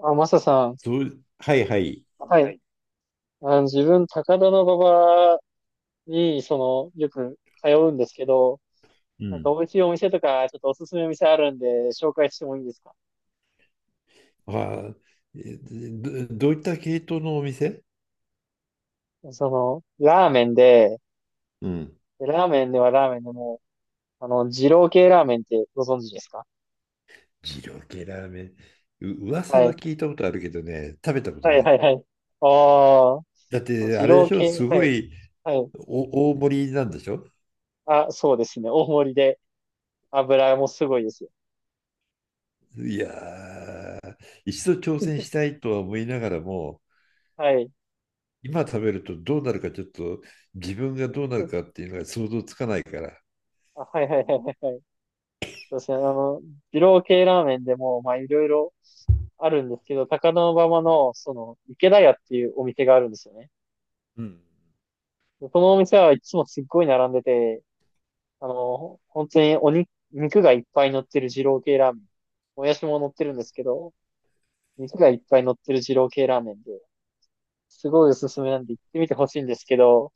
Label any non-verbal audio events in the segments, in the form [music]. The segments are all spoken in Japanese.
あ、マサさん。どう、はいはい。ははい。い。自分、高田馬場に、よく通うんですけど、うなんかん。美味しいお店とか、ちょっとおすすめ店あるんで、紹介してもいいですか？ああ、どういった系統のお店？その、ラーメンで、うん。ラーメンではラーメンでも、二郎系ラーメンってご存知ですか？二郎系ラーメン。噂ははい。聞いたことあるけどね、食べたことはい、なはい、い。はい。あだっあ、て、あ二れで郎しょ、系、すはごい、いはい。お大盛りなんでしょ？あ、そうですね。大盛りで、油もすごいですよ。いやー、一度挑戦したいとは思いながらも、はい。今食べるとどうなるかちょっと自分がどうなるかっ [laughs] ていうのが想像つかないから。あ、はい、はい、はいはい。そうですね、二郎系ラーメンでも、まあ、いろいろあるんですけど、高田馬場の、その、池田屋っていうお店があるんですよね。うん。でこのお店はいつもすっごい並んでて、本当に肉がいっぱい乗ってる二郎系ラーメン。もやしも乗ってるんですけど、肉がいっぱい乗ってる二郎系ラーメンで、すごいおすすめなんで行ってみてほしいんですけど、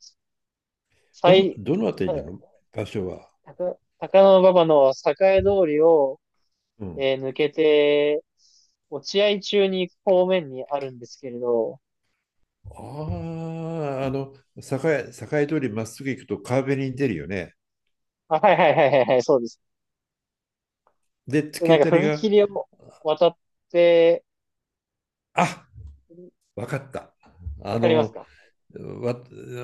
最、どのあたりな高、の？場所は。高野馬場の栄通りをうん。抜けて、落合中に行く方面にあるんですけれど、ああ、栄通りまっすぐ行くと川べりに出るよね。あ、はいはいはいはいはい、そうです。で、突きなん当かたり踏が、切を渡って、あ、わかった。わあかりますの、か？わ、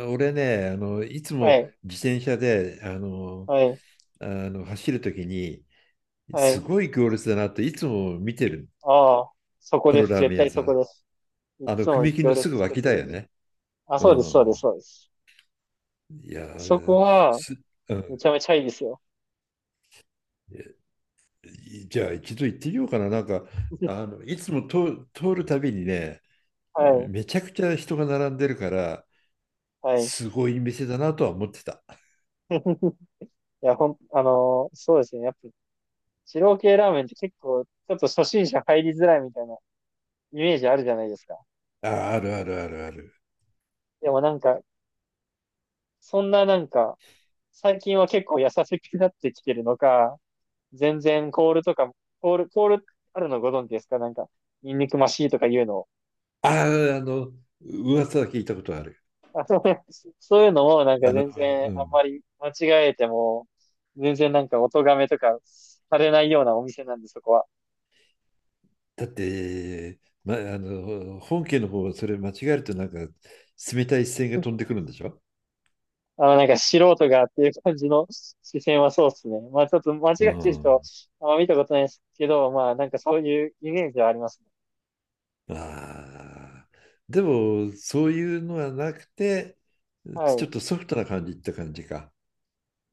俺ね、あの、いつはもい、自転車で、あの、はい、あの走るときに、はすい。ごい行列だなっていつも見てる。ああ、そこそでのす。ラー絶メン屋対さそこん。です。いあの、つも踏切行のす列ぐ作っ脇てだるんよで。ね。あ、うそうです、そうです、ん。そうです。いやそこー、は、す、うめん。ちゃめちゃいいですよ。いじゃあ一度行ってみようかな。なんか、あ [laughs] の、いつも、通るたびにね、はい、めちゃくちゃ人が並んでるから、はい。すごい店だなとは思ってた。[laughs] いや、そうですね。やっぱ、二郎系ラーメンって結構、ちょっと初心者入りづらいみたいなイメージあるじゃないですか。あ、あるあるあるある。でもなんか、そんななんか、最近は結構優しくなってきてるのか、全然コールとかも、コールあるのご存知ですか？なんか、ニンニクマシーとか言うの。ああ、あの、噂は聞いたことある。あそうね。そういうのもなんかあの、全然うあんん。まり間違えても、全然なんかお咎めとかされないようなお店なんで、そこは。だって、ま、あの、本家の方はそれ間違えるとなんか、冷たい視線が飛んでくるんで [laughs] しょ？あの、なんか素人がっていう感じの視線はそうですね。まあちょっと間違っうてる人、ん。あんま見たことないですけど、まあなんかそういうイメージはありますね。ああ。でも、そういうのはなくて、はちょっい。とソフトな感じって感じか。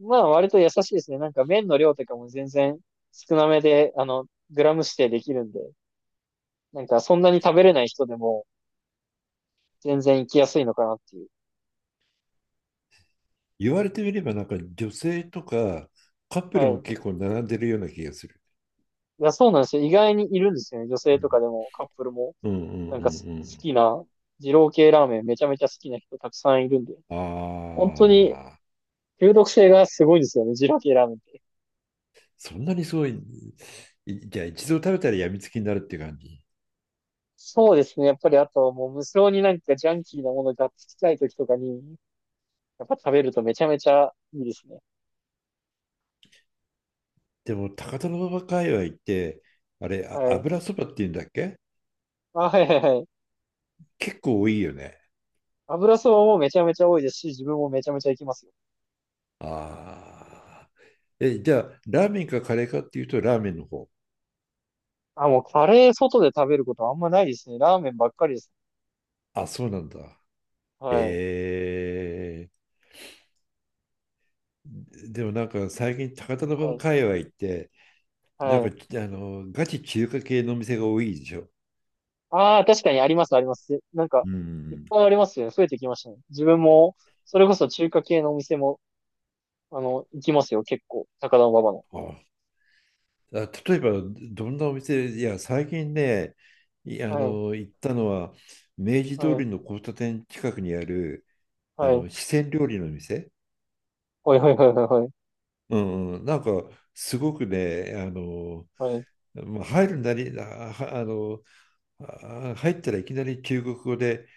まあ、割と優しいですね。なんか麺の量とかも全然少なめで、あの、グラム指定できるんで、なんかそんなに食べれない人でも全然行きやすいのかなっていう。言われてみれば、なんか女性とかカップはルもい。結構並んでるような気がする。いや、そうなんですよ。意外にいるんですよね。女性とかでもカップルも。うんうんうんなんかす好うん。きな、二郎系ラーメンめちゃめちゃ好きな人たくさんいるんで。あ本当にあ、中毒性がすごいですよね。二郎系ラーメンって。そんなにすごい、いじゃあ一度食べたらやみつきになるって感じ。そうですね。やっぱりあともう無性になんかジャンキーなものがっつきたい時とかに、やっぱ食べるとめちゃめちゃいいですね。でも、高田馬場界隈って、あれ、あ、はい。油そばっていうんだっけ？あ、はいはいはい。結構多いよね。油そばもめちゃめちゃ多いですし、自分もめちゃめちゃ行きますよ。ああ。え、じゃあ、ラーメンかカレーかっていうと、ラーメンの方。あ、もうカレー外で食べることはあんまないですね。ラーメンばっかりです。あ、そうなんだ。はい。えー、でもなんか最近、高田馬は場い。界隈って、なんはか、い。あの、ガチ中華系のお店が多いでしょ。ああ、確かにあります、あります。なんか、ういっん。ぱいありますよね。増えてきましたね。自分も、それこそ中華系のお店も、あの、行きますよ、結構。高田馬場の。あ、あ、例えば、どんなお店、いや、最近ね、いあはい。の、行ったのは、明治通はい。りの交差点近くにある、あはい。の、四川料理の店。はい、はい、はい、はい。うんうん、なんか、すごくね、あの、はい。まあ、入るなり、あ、はあの、あ入ったらいきなり中国語で、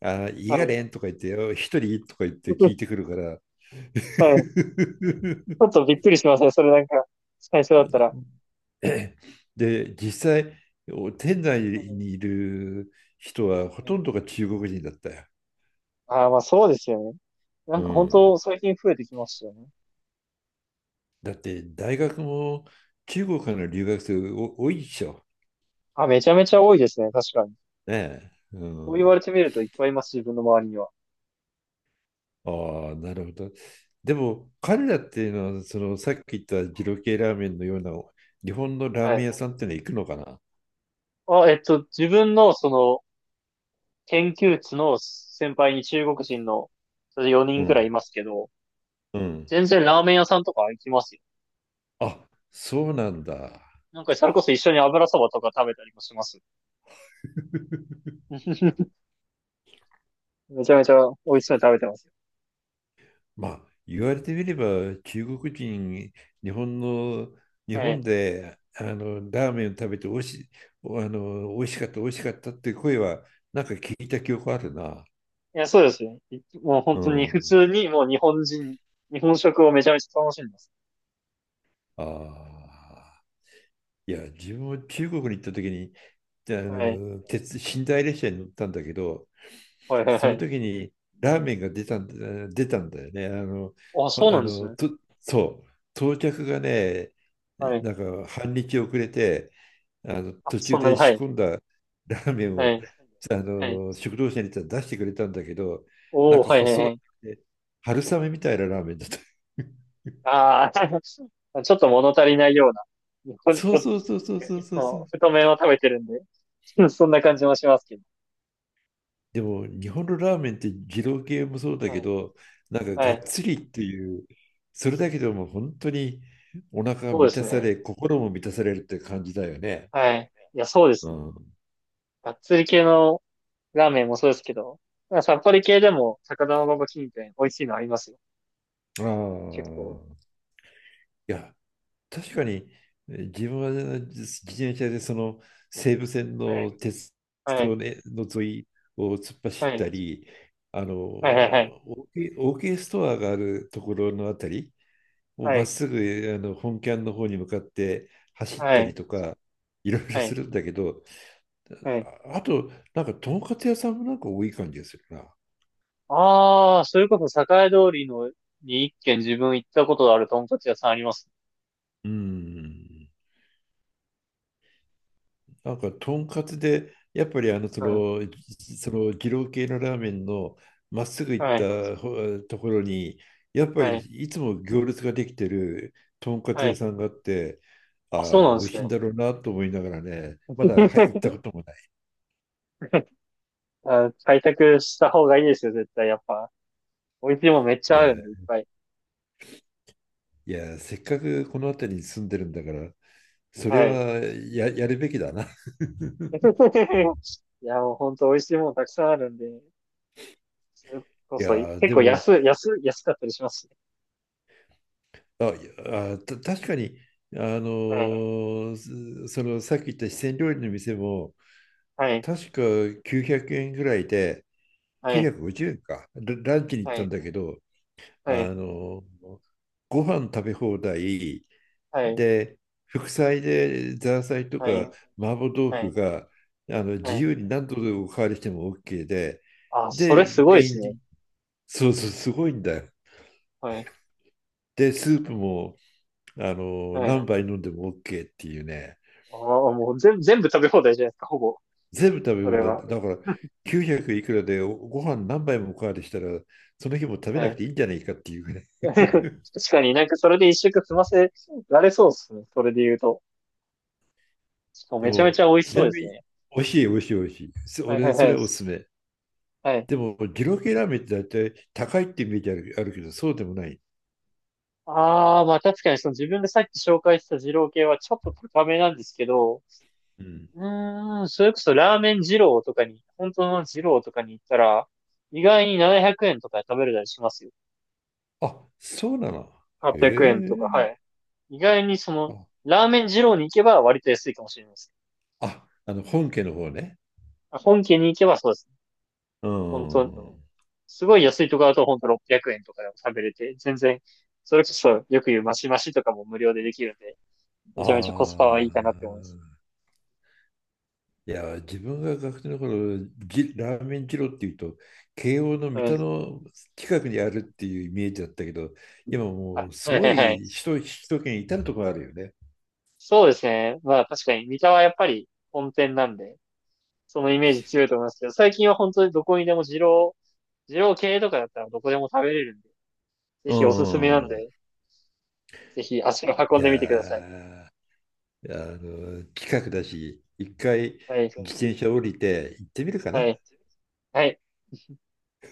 あ、いはい。はがれい。んとか言って、あ一人とか言って聞いて [laughs] くるから、はい。 [laughs] ちょっとびっくりしますね。それなんか、最初だったら。[clears throat] [laughs] で、実際、店内はい。にいる人はほはい。とんどが中国人だったよ。ああ、まあそうですよね。なうんか本ん。当最近増えてきましたよね。だって、大学も中国からの留学生多いでしょ。あ、めちゃめちゃ多いですね。確かに。ねえ。うそう言わん。れてみるといっぱいいます、自分の周りには。ああ、なるほど。でも、彼らっていうのは、そのさっき言った二郎系ラーメンのような日本のラーはメい。ン屋さんっていうのは行くのかな？あ、えっと、自分のその研究室の先輩に中国人のそれ4う人くらいいん。ますけど、うん。全然ラーメン屋さんとか行きますよ。あ、そうなんだ。なんかそれこそ一緒に油そばとか食べたりもします。[laughs] めちゃめちゃ美味しそうに食べてますよ。まあ、言われてみれば、中国人、日本の、日は本い。で、あの、ラーメンを食べておいし、あの、美味しかったっていう声は、なんか聞いた記憶あるな。いや、そうですね。い、もうう本当に普ん。通にもう日本人、日本食をめちゃめちゃ楽しんでます。ああ。いや、自分も中国に行った時に、あはい。の、鉄、寝台列車に乗ったんだけど、はいはいそはのい。時にラーメンが出たんだよね。あの、あ、ほあそうなんですの、ね。と、そう、到着がね、はい。なんか半日遅れて、あのあ、途そ中んなでに、は仕い。込んだ [laughs] ラーメンはをい。あはい。の食堂車に行ったら出してくれたんだけど、なんおー、かはい、はい、細はい。い、ね、春雨みたいなラーメンだった。[laughs] ああ、[laughs] ちょっと物足りないような。ほんそと、ういそうそうそうそうつそうそう。も太麺を食べてるんで、[laughs] そんな感じもしますけど。でも日本のラーメンって二郎系もそうだはけい。ど、なんかはがっい。つりっていう、それだけでも本当にお腹がそうで満すたさね。れ、心も満たされるって感じだよね。はい。いや、そうでうすね。ん。がっつり系のラーメンもそうですけど、まあさっぱり系でも、高田馬場近辺、美味しいのありますよ。あ結構。あ。いや、確かに、自分は自転車でその西武線はのい。鉄は道い。ねの沿いを突っ走はったい。り、あの、はい。はい。オーケーストアがあるところのあたり、をはまっい。すぐあの本キャンの方に向かって走っはい。たはりい。とか、いろいろはすい。るんだけど、はい。ああと、なんか、とんかつ屋さんもなんか多い感じがするな。ああ、それこそ栄通りのに一軒自分行ったことあるとんかつ屋さんあります。うん。なんか、とんかつで、やっぱりあの、そうん。の、その、二郎系のラーメンのまっすぐ行っはい。たところに、やっぱはりい。いつも行列ができてるとんかつは屋い。さんがあって、ああ、そあ、う美なんで味すしいね。んだろうなと思いながらね、まだ、はい、行った [laughs] こともない。あ、開拓した方がいいですよ、絶対。やっぱ。美味しいもんめっちいゃあや、るんで、いっぱい。いや、せっかくこの辺りに住んでるんだから、それはい。はやるべきだな。[laughs] い [laughs] いや、もうほんと美味しいもんたくさんあるんで、それこそ、結やで構も安かったりしますしね。あいやあた確かにあのはい。ーそのさっき言った四川料理の店もは確か900円ぐらいで、い。950円か、ラランチに行っはたんい。だけど、はあい。の、ご飯食べ放題はい。で、副菜でザーサイとはかい。麻婆豆はい。腐はい。があの自はい。由に何度でおかわりしても OK で、あ、それで、すごいでメイすンね。に、そうそう、すごいんだよ。はい。で、スープもあのは何い。杯飲んでも OK っていうね。ああ、もう全部食べ放題じゃないですか、ほぼ。全部食べそ物れだ。は。だから [laughs] 900いくらでご飯何杯もおかわりしたら、その日も食べはなくい。ていいんじゃないかっていうぐらい。[laughs] 確 [laughs] かになんかそれで一食済ませられそうですね。それで言うと。しかもでめちゃめも、ちゃ美味しちそうなでみすに、ね。美味しい。はいは俺、いそはれい。はおすすめ。はい。でも、二郎系ラーメンって大体高いってイメージある、あるけど、そうでもない。ああ、まあ確かにその自分でさっき紹介した二郎系はちょっと高めなんですけど、うん。うーん、それこそラーメン二郎とかに、本当の二郎とかに行ったら、意外に700円とかで食べれたりしますよ。あ、そうなの。へ800円とか、はえ。い。意外にその、あ、ラーメン二郎に行けば割と安いかもしれないです。あの、本家の方ね。本家に行けばそうですね。う本当、ん。あすごい安いところだと本当600円とかでも食べれて、全然、それこそよく言うマシマシとかも無料でできるんで、めちゃめちゃコスパあ。はいいかなって思います。いや、自分が学生の頃、ラーメン二郎っていうと、慶応のう三田ん。の近くにあるっていうイメージだったけど、今もあうはすいはごいはい。い首都圏至るところあるよね。そうですね。まあ確かに、三田はやっぱり本店なんで、そのイメージ強いと思いますけど、最近は本当にどこにでも二郎系とかだったらどこでも食べれるんで、ぜうひおすすめなんん。で、ぜひ足を運んじゃでみてください。あ、あの、近くだし、一回はい。自転車降りて行ってみるかはな。い。はい。